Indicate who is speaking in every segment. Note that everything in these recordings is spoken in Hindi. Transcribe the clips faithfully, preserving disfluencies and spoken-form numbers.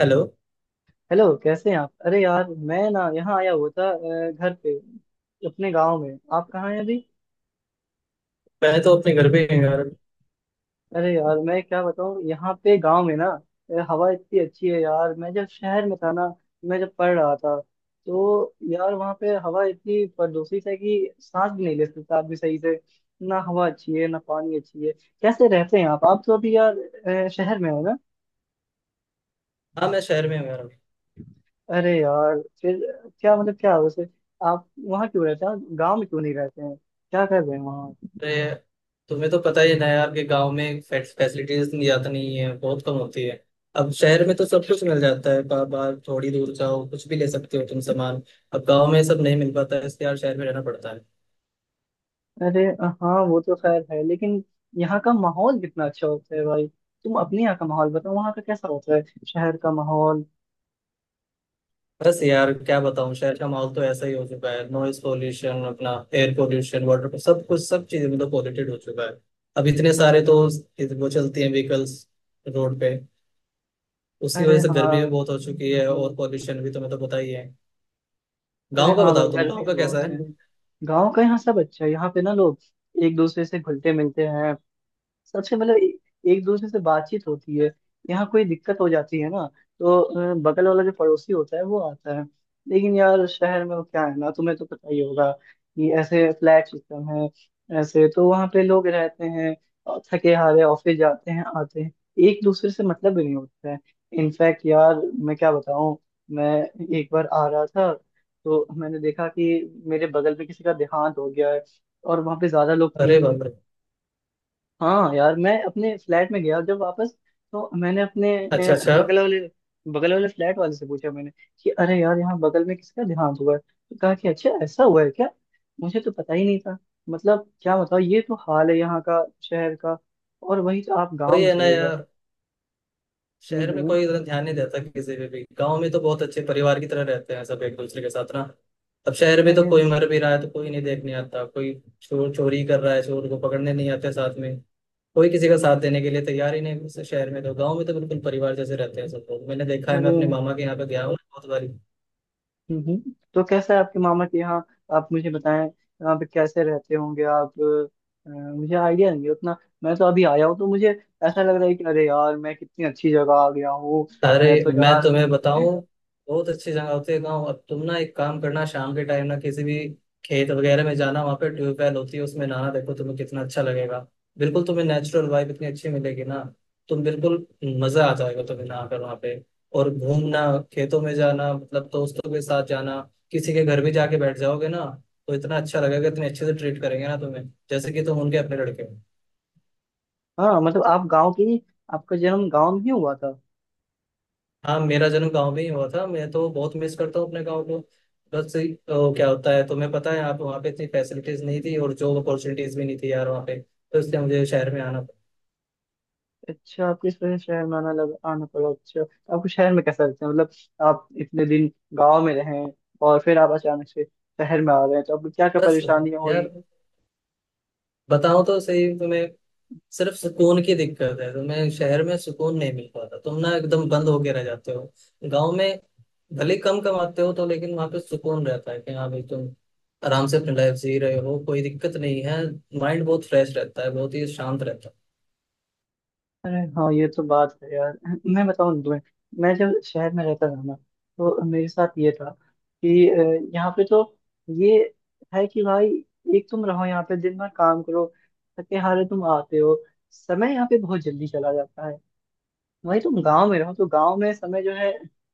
Speaker 1: हेलो।
Speaker 2: हेलो, कैसे हैं आप? अरे यार, मैं ना यहाँ आया हुआ था अ, घर पे। अपने गांव में। आप कहाँ हैं अभी?
Speaker 1: मैं तो अपने घर पे ही हूँ यार।
Speaker 2: अरे यार, मैं क्या बताऊँ, यहाँ पे गांव में ना। अ, हवा इतनी अच्छी है यार। मैं जब शहर में था ना, मैं जब पढ़ रहा था, तो यार वहाँ पे हवा इतनी प्रदूषित है कि सांस भी नहीं ले सकता आदमी सही से। ना हवा अच्छी है ना पानी अच्छी है। कैसे रहते हैं आप? आप तो अभी यार अ, शहर में हो ना?
Speaker 1: हाँ, मैं शहर में हूँ यार।
Speaker 2: अरे यार फिर, क्या मतलब, क्या वैसे, आप वहाँ क्यों रहते हैं? गाँव में क्यों नहीं रहते हैं? क्या कर रहे हैं वहाँ?
Speaker 1: अरे, तुम्हें तो पता ही है ना यार कि गांव में फैसिलिटीज ज्यादा नहीं है, बहुत कम होती है। अब शहर में तो सब कुछ मिल जाता है, बार बार थोड़ी दूर जाओ, कुछ भी ले सकते हो तुम सामान। अब गांव में सब नहीं मिल पाता है, इसलिए यार शहर में रहना पड़ता है।
Speaker 2: अरे हाँ, वो तो खैर है, लेकिन यहाँ का माहौल कितना अच्छा होता है भाई। तुम अपने यहाँ का माहौल बताओ, वहाँ का कैसा होता है, शहर का माहौल।
Speaker 1: बस यार, क्या बताऊँ, शहर का माहौल तो ऐसा ही हो चुका है। नॉइज पोल्यूशन, अपना एयर पोल्यूशन, वाटर पोल्यूशन, सब कुछ, सब चीजें मतलब पॉल्यूटेड हो चुका है। अब इतने सारे तो वो चलती हैं व्हीकल्स रोड पे, उसकी
Speaker 2: अरे
Speaker 1: वजह से
Speaker 2: हाँ।
Speaker 1: गर्मी भी बहुत हो चुकी है, और पॉल्यूशन भी, तुम्हें तो पता ही है।
Speaker 2: अरे
Speaker 1: गाँव का
Speaker 2: हाँ भाई,
Speaker 1: बताओ, तुम
Speaker 2: गर्मी
Speaker 1: गाँव
Speaker 2: भी
Speaker 1: का कैसा
Speaker 2: बहुत
Speaker 1: है।
Speaker 2: है। गाँव का यहाँ सब अच्छा है। यहाँ पे ना लोग एक दूसरे से घुलते मिलते हैं। सबसे मतलब ए- एक दूसरे से बातचीत होती है। यहाँ कोई दिक्कत हो जाती है ना, तो अ, बगल वाला जो पड़ोसी होता है वो आता है। लेकिन यार शहर में वो क्या है ना, तुम्हें तो पता ही होगा कि ऐसे फ्लैट सिस्टम है। ऐसे तो वहाँ पे लोग रहते हैं और थके हारे ऑफिस जाते हैं आते हैं। एक दूसरे से मतलब भी नहीं होता है। इनफैक्ट यार, मैं क्या बताऊँ। मैं एक बार आ रहा था, तो मैंने देखा कि मेरे बगल में किसी का देहांत हो गया है, और वहाँ पे ज्यादा लोग थे
Speaker 1: अरे
Speaker 2: ही
Speaker 1: बाप
Speaker 2: नहीं।
Speaker 1: रे।
Speaker 2: हाँ यार, मैं अपने फ्लैट में गया जब वापस, तो मैंने अपने
Speaker 1: अच्छा
Speaker 2: अ,
Speaker 1: अच्छा।
Speaker 2: बगल वाले बगल वाले फ्लैट वाले से पूछा, मैंने कि अरे यार यहाँ बगल में किसका देहांत हुआ है, तो कहा कि अच्छा, ऐसा हुआ है क्या, मुझे तो पता ही नहीं था। मतलब क्या बताओ, ये तो हाल है यहाँ का शहर का। और वही तो आप गाँव
Speaker 1: वही
Speaker 2: में
Speaker 1: है ना
Speaker 2: चले गए।
Speaker 1: यार।
Speaker 2: हम्म,
Speaker 1: शहर में
Speaker 2: हम्म।
Speaker 1: कोई इतना ध्यान नहीं देता किसी पे भी। गाँव में तो बहुत अच्छे परिवार की तरह रहते हैं सब एक दूसरे के साथ ना। अब शहर में तो
Speaker 2: अरे।
Speaker 1: कोई मर भी रहा है तो कोई नहीं देखने आता, कोई चोर चोरी कर रहा है, चोर को पकड़ने नहीं आते साथ में। कोई किसी का साथ देने के लिए तैयार ही नहीं है शहर में तो। गाँव में तो बिल्कुल परिवार जैसे रहते हैं सब लोग। मैंने देखा है, मैं
Speaker 2: अरे।
Speaker 1: अपने मामा के यहाँ पे गया हूँ बहुत बारी।
Speaker 2: हम्म, हम्म। तो कैसा है आपके मामा के यहाँ? आप मुझे बताएं, यहाँ पे कैसे रहते होंगे आप। अ, मुझे आइडिया नहीं है उतना। मैं तो अभी आया हूँ, तो मुझे ऐसा लग रहा है कि अरे यार, मैं कितनी अच्छी जगह आ गया हूँ।
Speaker 1: अरे,
Speaker 2: मैं तो
Speaker 1: मैं
Speaker 2: यार।
Speaker 1: तुम्हें बताऊं, बहुत अच्छी जगह होती है गाँव। अब तुम ना एक काम करना, शाम के टाइम ना किसी भी खेत वगैरह में जाना, वहां पे ट्यूबवेल होती है उसमें नहाना। देखो, तुम्हें कितना अच्छा लगेगा। बिल्कुल तुम्हें नेचुरल वाइब इतनी अच्छी मिलेगी ना। तुम बिल्कुल मजा आ जाएगा तुम्हें नहा कर वहां पे। और घूमना, खेतों में जाना, मतलब दोस्तों के साथ जाना। किसी के घर भी जाके बैठ जाओगे ना, तो इतना अच्छा लगेगा, इतने अच्छे से ट्रीट करेंगे ना तुम्हें, जैसे कि तुम उनके अपने लड़के हो।
Speaker 2: हाँ मतलब, आप गांव के ही, आपका जन्म गांव में ही हुआ था?
Speaker 1: हाँ, मेरा जन्म गांव में ही हुआ था। मैं तो बहुत मिस करता हूँ अपने गांव को। बस अ, क्या होता है तुम्हें पता है, आप वहाँ पे इतनी फैसिलिटीज नहीं थी और जॉब अपॉर्चुनिटीज भी नहीं थी यार वहाँ पे, तो इसलिए मुझे शहर में आना पड़ा।
Speaker 2: अच्छा, आपको इस वजह से शहर में आना लगा आना पड़ा। अच्छा, तो आपको शहर में कैसा लगता है, मतलब आप इतने दिन गाँव में रहे और फिर आप अचानक से शहर में आ रहे हैं, तो आपको क्या क्या
Speaker 1: बस
Speaker 2: परेशानियां हुई?
Speaker 1: यार, बताओ तो सही तुम्हें, सिर्फ सुकून की दिक्कत है। तुम्हें शहर में सुकून नहीं मिल पाता, तुम ना एकदम बंद होके रह जाते हो। गाँव में भले कम कमाते हो तो, लेकिन वहाँ पे सुकून रहता है कि हाँ भाई, तुम आराम से अपनी लाइफ जी रहे हो, कोई दिक्कत नहीं है। माइंड बहुत फ्रेश रहता है, बहुत ही शांत रहता है।
Speaker 2: अरे हाँ, ये तो बात है यार। मैं बताऊँ ना तुम्हें, मैं जब शहर में रहता था ना, तो मेरे साथ ये था कि अ, यहाँ पे तो ये है कि भाई, एक तुम रहो यहाँ पे दिन भर, काम करो, थके हारे तुम आते हो, समय यहाँ पे बहुत जल्दी चला जाता है। वही तुम गांव में रहो, तो गांव में समय जो है,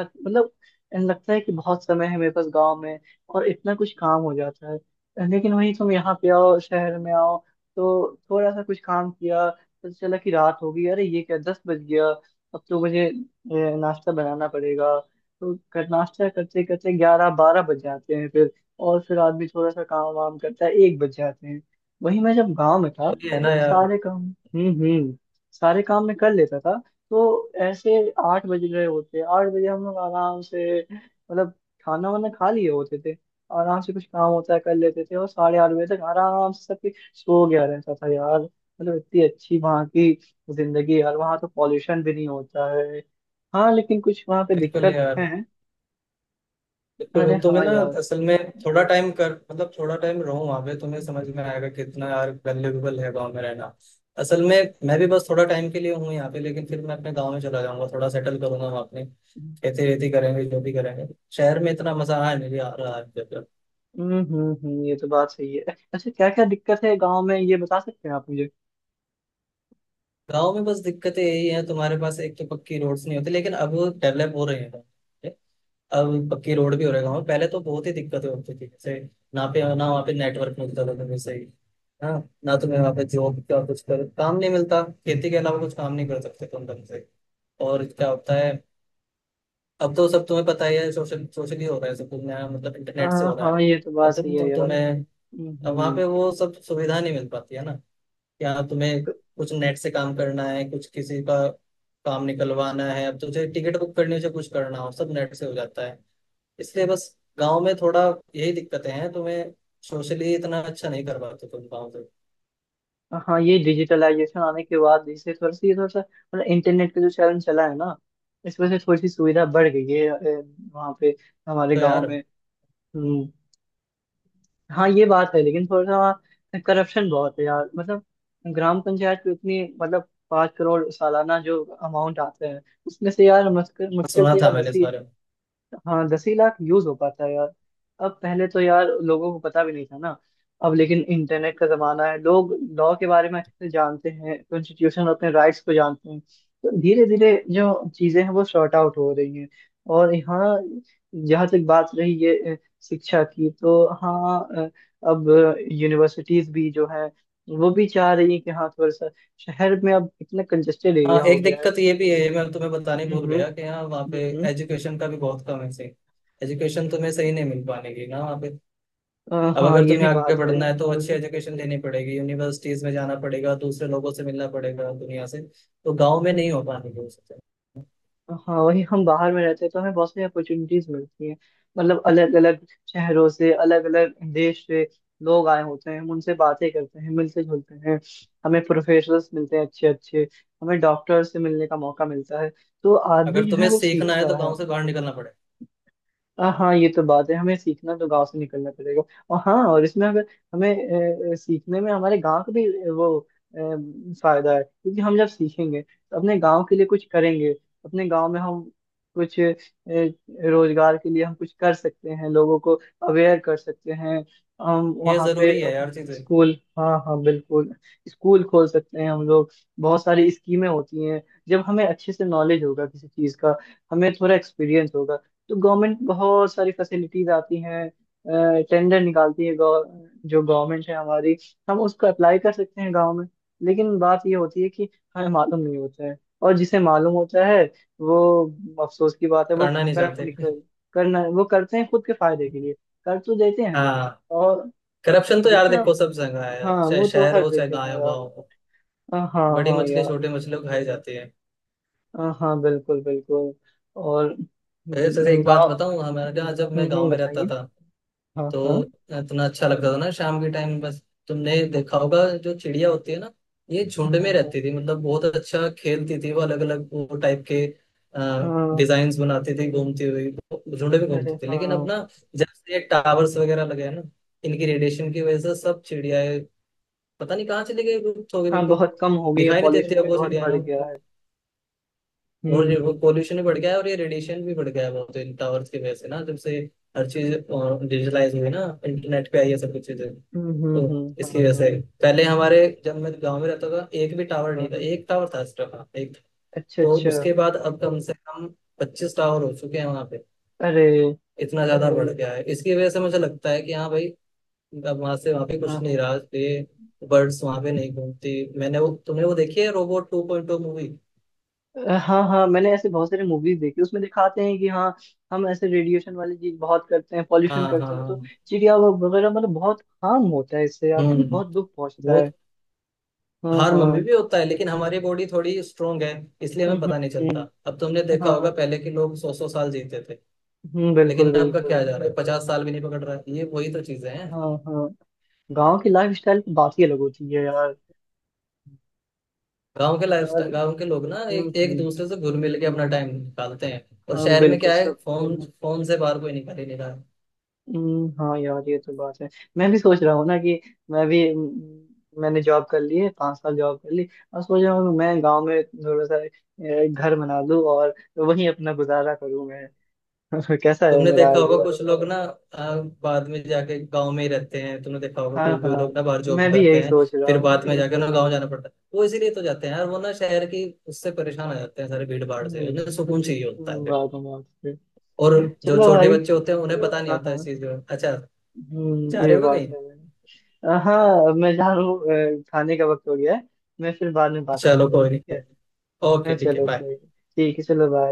Speaker 2: सच- मतलब, लगता है कि बहुत समय है मेरे पास गांव में, और इतना कुछ काम हो जाता है। लेकिन वही तुम यहाँ पे आओ, शहर में आओ, तो थोड़ा सा कुछ काम किया, पता चला कि रात हो गई, अरे ये क्या, दस बज गया, अब तो मुझे ए, नाश्ता बनाना पड़ेगा। तो कर, नाश्ता करते करते ग्यारह बारह बज जाते हैं फिर। और फिर आदमी थोड़ा सा काम वाम करता है, एक बज जाते हैं। वही मैं जब गांव में था,
Speaker 1: तो ये है ना यार।
Speaker 2: सारे काम, हम्म, हम्म, सारे काम मैं कर लेता था। तो ऐसे आठ बज रहे होते, आठ बजे हम लोग आराम से, मतलब खाना वाना खा लिए होते थे। आराम से कुछ काम होता है कर लेते थे, और साढ़े आठ बजे तक आराम से सब कुछ सो गया रहता था यार। मतलब इतनी अच्छी वहाँ की जिंदगी यार। वहाँ तो पॉल्यूशन भी नहीं होता है। हाँ, लेकिन कुछ वहाँ पे
Speaker 1: बिल्कुल
Speaker 2: दिक्कत
Speaker 1: यार,
Speaker 2: है।
Speaker 1: बिल्कुल।
Speaker 2: अरे
Speaker 1: तो तुम्हें
Speaker 2: हाँ
Speaker 1: ना
Speaker 2: यार।
Speaker 1: असल में थोड़ा टाइम कर मतलब थोड़ा टाइम रहो वहां पे, तुम्हें समझ में आएगा कितना यार वैल्यूएबल है गांव में रहना। असल में मैं भी बस थोड़ा टाइम के लिए हूँ यहाँ पे, लेकिन फिर मैं अपने गांव में चला जाऊंगा, थोड़ा सेटल करूंगा वहाँ, अपने खेती वेती करेंगे जो भी करेंगे। शहर में इतना मजा आ नहीं आ रहा है।
Speaker 2: हम्म, हम्म, हम्म, ये तो बात सही है। अच्छा, क्या क्या दिक्कत है गाँव में, ये बता सकते हैं आप मुझे?
Speaker 1: गांव में बस दिक्कतें यही है, तुम्हारे पास एक तो पक्की रोड्स नहीं होती, लेकिन अब डेवलप हो रहे हैं गाँव, ठीक है? अब पक्की रोड भी हो रहे हैं गाँव में। पहले तो बहुत ही दिक्कतें होती थी, जैसे ना पे ना वहाँ पे नेटवर्क मिलता था तुम्हें सही। हाँ। ना तुम्हें वहाँ पे जॉब का कुछ कर काम नहीं मिलता, खेती के अलावा कुछ काम नहीं कर सकते तुम ढंग से। और क्या होता है, अब तो सब तुम्हें पता ही है, सोशल सोशली हो रहा है सब कुछ, नया मतलब इंटरनेट से हो
Speaker 2: हाँ
Speaker 1: रहा है।
Speaker 2: हाँ, ये तो
Speaker 1: अब
Speaker 2: बात सही
Speaker 1: तुम
Speaker 2: है
Speaker 1: तो
Speaker 2: यार।
Speaker 1: तुम्हें,
Speaker 2: हम्म,
Speaker 1: अब वहाँ
Speaker 2: हम्म।
Speaker 1: पे वो सब सुविधा नहीं मिल पाती है ना, या तुम्हें कुछ नेट से काम करना है, कुछ किसी का काम निकलवाना है, अब तुझे टिकट बुक करनी हो चाहे कुछ करना हो, सब नेट से हो जाता है। इसलिए बस गांव में थोड़ा यही दिक्कतें हैं तुम्हें, सोशली इतना अच्छा नहीं कर पाते तुम गाँव से।
Speaker 2: हाँ, ये डिजिटलाइजेशन आने के बाद इससे थोड़ा सा, ये थोड़ा सा मतलब इंटरनेट का जो चलन चला है ना, इस वजह से थोड़ी सी सुविधा बढ़ गई है ए, वहाँ पे, हमारे
Speaker 1: तो
Speaker 2: गांव
Speaker 1: यार,
Speaker 2: में। हम्म, हाँ ये बात है। लेकिन थोड़ा सा वहाँ करप्शन बहुत है यार, मतलब ग्राम पंचायत में उतनी, मतलब पाँच करोड़ सालाना जो अमाउंट आते हैं, उसमें से यार मुश्किल मुश्किल
Speaker 1: सुना
Speaker 2: से यार
Speaker 1: था
Speaker 2: दस,
Speaker 1: मैंने इस बारे में।
Speaker 2: हाँ, दस ही लाख यूज हो पाता है यार। अब पहले तो यार लोगों को पता भी नहीं था ना। अब लेकिन इंटरनेट का जमाना है, लोग लॉ के बारे में अच्छे से जानते हैं, कॉन्स्टिट्यूशन, अपने राइट्स को जानते हैं, तो धीरे धीरे जो चीजें हैं वो सॉर्ट आउट हो रही हैं। और यहाँ, जहाँ तक बात रही ये अ, शिक्षा की, तो हाँ अ, अब यूनिवर्सिटीज भी जो है, वो भी चाह रही है कि हाँ, थोड़ा सा शहर में अब इतना कंजेस्टेड
Speaker 1: हाँ,
Speaker 2: एरिया हो
Speaker 1: एक
Speaker 2: गया है।
Speaker 1: दिक्कत ये भी है, मैं तुम्हें बताने
Speaker 2: हम्म,
Speaker 1: भूल
Speaker 2: हम्म।
Speaker 1: गया कि हाँ वहाँ पे
Speaker 2: हम्म, हम्म।
Speaker 1: एजुकेशन का भी बहुत कम है, सही एजुकेशन तुम्हें सही नहीं मिल पाने की ना वहाँ पे।
Speaker 2: अ,
Speaker 1: अब
Speaker 2: हाँ,
Speaker 1: अगर
Speaker 2: ये
Speaker 1: तुम्हें
Speaker 2: भी
Speaker 1: आगे
Speaker 2: बात है।
Speaker 1: बढ़ना है तो अच्छी एजुकेशन लेनी पड़ेगी, यूनिवर्सिटीज में जाना पड़ेगा, दूसरे लोगों से मिलना पड़ेगा, दुनिया से। तो गांव में नहीं हो पानी वो चीजें।
Speaker 2: हाँ, वही हम बाहर में रहते हैं तो हमें बहुत सारी अपॉर्चुनिटीज मिलती हैं। मतलब अलग अलग शहरों से, अलग अलग देश से लोग आए होते हैं, हम उनसे बातें करते हैं, मिलते जुलते हैं। हमें प्रोफेसर्स मिलते हैं अच्छे अच्छे। हमें डॉक्टर्स से मिलने का मौका मिलता है। तो आदमी
Speaker 1: अगर
Speaker 2: जो है,
Speaker 1: तुम्हें
Speaker 2: वो
Speaker 1: सीखना है तो
Speaker 2: सीखता है।
Speaker 1: गांव से बाहर निकलना पड़ेगा।
Speaker 2: आ, हाँ, ये तो बात है, हमें सीखना तो गांव से निकलना पड़ेगा। और हाँ, और इसमें अगर हमें अ, सीखने में हमारे गांव का भी अ, वो अ, फायदा है, क्योंकि हम जब सीखेंगे तो अपने गांव के लिए कुछ करेंगे। अपने गांव में हम कुछ अ, रोजगार के लिए हम कुछ कर सकते हैं, लोगों को अवेयर कर सकते हैं। हम
Speaker 1: ये
Speaker 2: वहाँ पे
Speaker 1: जरूरी है यार
Speaker 2: अपने
Speaker 1: चीजें।
Speaker 2: स्कूल, हाँ हाँ बिल्कुल, स्कूल खोल सकते हैं हम लोग। बहुत सारी स्कीमें होती हैं। जब हमें अच्छे से नॉलेज होगा किसी चीज़ का, हमें थोड़ा एक्सपीरियंस होगा, तो गवर्नमेंट बहुत सारी फैसिलिटीज आती हैं, टेंडर निकालती है, गव- जो गवर्नमेंट है हमारी, हम उसको अप्लाई कर सकते हैं गांव में। लेकिन बात ये होती है कि हमें मालूम नहीं होता है, और जिसे मालूम होता है, वो, अफसोस की बात है, वो
Speaker 1: करना नहीं
Speaker 2: करप्ट
Speaker 1: चाहते।
Speaker 2: निकल, करना वो करते हैं खुद के फायदे के लिए, कर तो देते हैं।
Speaker 1: हाँ।
Speaker 2: और
Speaker 1: करप्शन तो यार
Speaker 2: जितना,
Speaker 1: देखो सब जगह है,
Speaker 2: हाँ,
Speaker 1: चाहे
Speaker 2: वो तो
Speaker 1: शहर
Speaker 2: हर
Speaker 1: हो चाहे
Speaker 2: जगह है
Speaker 1: गाँव
Speaker 2: यार।
Speaker 1: गाँव हो।
Speaker 2: अ, हाँ
Speaker 1: बड़ी
Speaker 2: हाँ
Speaker 1: मछली
Speaker 2: यार।
Speaker 1: छोटी मछली को खाई जाती है।
Speaker 2: अ, हाँ बिल्कुल बिल्कुल। और
Speaker 1: जैसे एक बात
Speaker 2: गाँव,
Speaker 1: बताऊं, हमारे यहाँ जब
Speaker 2: हम्म,
Speaker 1: मैं गाँव
Speaker 2: हम्म,
Speaker 1: में रहता
Speaker 2: बताइए।
Speaker 1: था,
Speaker 2: हाँ
Speaker 1: तो
Speaker 2: हाँ।
Speaker 1: इतना अच्छा लगता था ना शाम के टाइम बस। तुमने देखा होगा, जो चिड़िया होती है ना, ये
Speaker 2: हाँ
Speaker 1: झुंड में
Speaker 2: हाँ।
Speaker 1: रहती थी, मतलब बहुत अच्छा खेलती थी वो, अलग अलग वो टाइप के
Speaker 2: हाँ।
Speaker 1: डिजाइन बनाती थी, घूमती हुई वो झुंड में
Speaker 2: अरे
Speaker 1: घूमती थी। लेकिन अब
Speaker 2: हाँ।
Speaker 1: ना, जब से ये टावर्स वगैरह लगे हैं ना, इनकी रेडिएशन की वजह से सब चिड़ियाएं पता नहीं कहाँ चली गई, लुप्त हो गई
Speaker 2: हाँ,
Speaker 1: बिल्कुल।
Speaker 2: बहुत कम हो गई है,
Speaker 1: दिखाई नहीं देती
Speaker 2: पॉल्यूशन
Speaker 1: अब
Speaker 2: भी
Speaker 1: वो
Speaker 2: बहुत
Speaker 1: चिड़िया
Speaker 2: बढ़
Speaker 1: ना।
Speaker 2: गया है।
Speaker 1: और ये वो
Speaker 2: हम्म।
Speaker 1: पोल्यूशन भी बढ़ गया है और ये रेडिएशन भी बढ़ गया है बहुत इन टावर्स की वजह से, ना जब से हर चीज डिजिटलाइज हुई ना, इंटरनेट पे आई है सब कुछ चीजें।
Speaker 2: हम्म, हम्म,
Speaker 1: तो
Speaker 2: हम्म,
Speaker 1: इसकी
Speaker 2: हाँ
Speaker 1: वजह से
Speaker 2: हाँ।
Speaker 1: पहले हमारे, जब मैं गांव में रहता था, एक भी टावर
Speaker 2: हाँ
Speaker 1: नहीं था,
Speaker 2: हाँ।
Speaker 1: एक टावर था सिर्फ, हाँ, एक।
Speaker 2: अच्छा
Speaker 1: तो
Speaker 2: अच्छा।
Speaker 1: उसके बाद अब कम से कम पच्चीस टावर हो चुके हैं वहां पे।
Speaker 2: अरे।
Speaker 1: इतना ज्यादा बढ़ गया है, इसकी वजह से मुझे लगता है कि हाँ भाई, अब वहां से वहां पे
Speaker 2: हाँ
Speaker 1: कुछ नहीं
Speaker 2: हाँ।
Speaker 1: रहा ये, बर्ड्स वहां पे नहीं घूमती। मैंने वो तुमने वो देखी है robot two point O movie.
Speaker 2: अ, हाँ हाँ, मैंने ऐसे बहुत सारे मूवीज देखी। उसमें दिखाते हैं कि हाँ, हम ऐसे रेडिएशन वाली चीज बहुत करते हैं, पॉल्यूशन
Speaker 1: हाँ हाँ
Speaker 2: करते हैं, तो
Speaker 1: हाँ।
Speaker 2: चिड़िया व- वगैरह, मतलब बहुत हार्म होता है इससे यार।
Speaker 1: हम्म।
Speaker 2: बहुत दुख पहुंचता
Speaker 1: वो
Speaker 2: है। हाँ
Speaker 1: हार मम्मी
Speaker 2: हाँ।
Speaker 1: भी होता है, लेकिन हमारी बॉडी थोड़ी स्ट्रोंग है, इसलिए
Speaker 2: हम्म,
Speaker 1: हमें पता नहीं
Speaker 2: हम्म,
Speaker 1: चलता। अब तुमने
Speaker 2: हम्म,
Speaker 1: देखा होगा,
Speaker 2: हाँ।
Speaker 1: पहले के लोग सौ सौ साल जीते थे,
Speaker 2: हम्म, बिल्कुल
Speaker 1: लेकिन आपका
Speaker 2: बिल्कुल।
Speaker 1: क्या जा रहा है, पचास साल भी नहीं पकड़ रहा है, ये वही तो चीजें हैं।
Speaker 2: हाँ हाँ। गांव की लाइफ स्टाइल की बात ही अलग होती है यार।
Speaker 1: गांव के लाइफ,
Speaker 2: यार।
Speaker 1: गांव के लोग ना
Speaker 2: हम्म,
Speaker 1: एक एक
Speaker 2: हम्म।
Speaker 1: दूसरे से घुल मिल के अपना टाइम निकालते हैं, और
Speaker 2: हाँ
Speaker 1: शहर में
Speaker 2: बिल्कुल
Speaker 1: क्या है,
Speaker 2: सब।
Speaker 1: फोन फोन से बाहर कोई निकाल ही नहीं रहा है।
Speaker 2: हम्म, हाँ यार, ये तो बात है। मैं भी सोच रहा हूँ ना कि मैं भी, हम्म, मैंने जॉब कर ली है, पांच साल जॉब कर ली, और सोच रहा हूँ कि मैं गांव में थोड़ा सा ए, घर बना लूँ और वहीं अपना गुजारा करूँ मैं। कैसा है
Speaker 1: तुमने
Speaker 2: मेरा
Speaker 1: देखा होगा
Speaker 2: आइडिया?
Speaker 1: कुछ लोग ना आ, बाद में जाके गांव में ही रहते हैं, तुमने देखा होगा
Speaker 2: हाँ
Speaker 1: कोई कोई
Speaker 2: हाँ।
Speaker 1: लोग ना बाहर
Speaker 2: मैं
Speaker 1: जॉब
Speaker 2: भी
Speaker 1: करते
Speaker 2: यही
Speaker 1: हैं,
Speaker 2: सोच रहा
Speaker 1: फिर
Speaker 2: हूँ।
Speaker 1: बाद में जाके ना गांव जाना पड़ता है, वो इसीलिए तो जाते हैं यार, वो ना शहर की उससे परेशान हो जाते हैं सारे भीड़ भाड़ से, उन्हें
Speaker 2: हम्म,
Speaker 1: सुकून चाहिए होता है
Speaker 2: हम्म,
Speaker 1: फिर।
Speaker 2: बात है, बात
Speaker 1: और
Speaker 2: है।
Speaker 1: जो
Speaker 2: चलो
Speaker 1: छोटे
Speaker 2: भाई।
Speaker 1: बच्चे होते हैं उन्हें पता नहीं
Speaker 2: हाँ
Speaker 1: होता इस
Speaker 2: हाँ।
Speaker 1: चीज का। अच्छा,
Speaker 2: हम्म,
Speaker 1: जा
Speaker 2: ये
Speaker 1: रहे हो
Speaker 2: बात
Speaker 1: कहीं?
Speaker 2: है। अ, हाँ, मैं जा रहा हूँ। अ, खाने का वक्त हो गया है। मैं फिर बाद में बात करता
Speaker 1: चलो
Speaker 2: हूँ,
Speaker 1: कोई
Speaker 2: ठीक है?
Speaker 1: नहीं। ओके,
Speaker 2: हाँ,
Speaker 1: ठीक है,
Speaker 2: चलो
Speaker 1: बाय।
Speaker 2: कोई नहीं। ठीक है, चलो, बाय।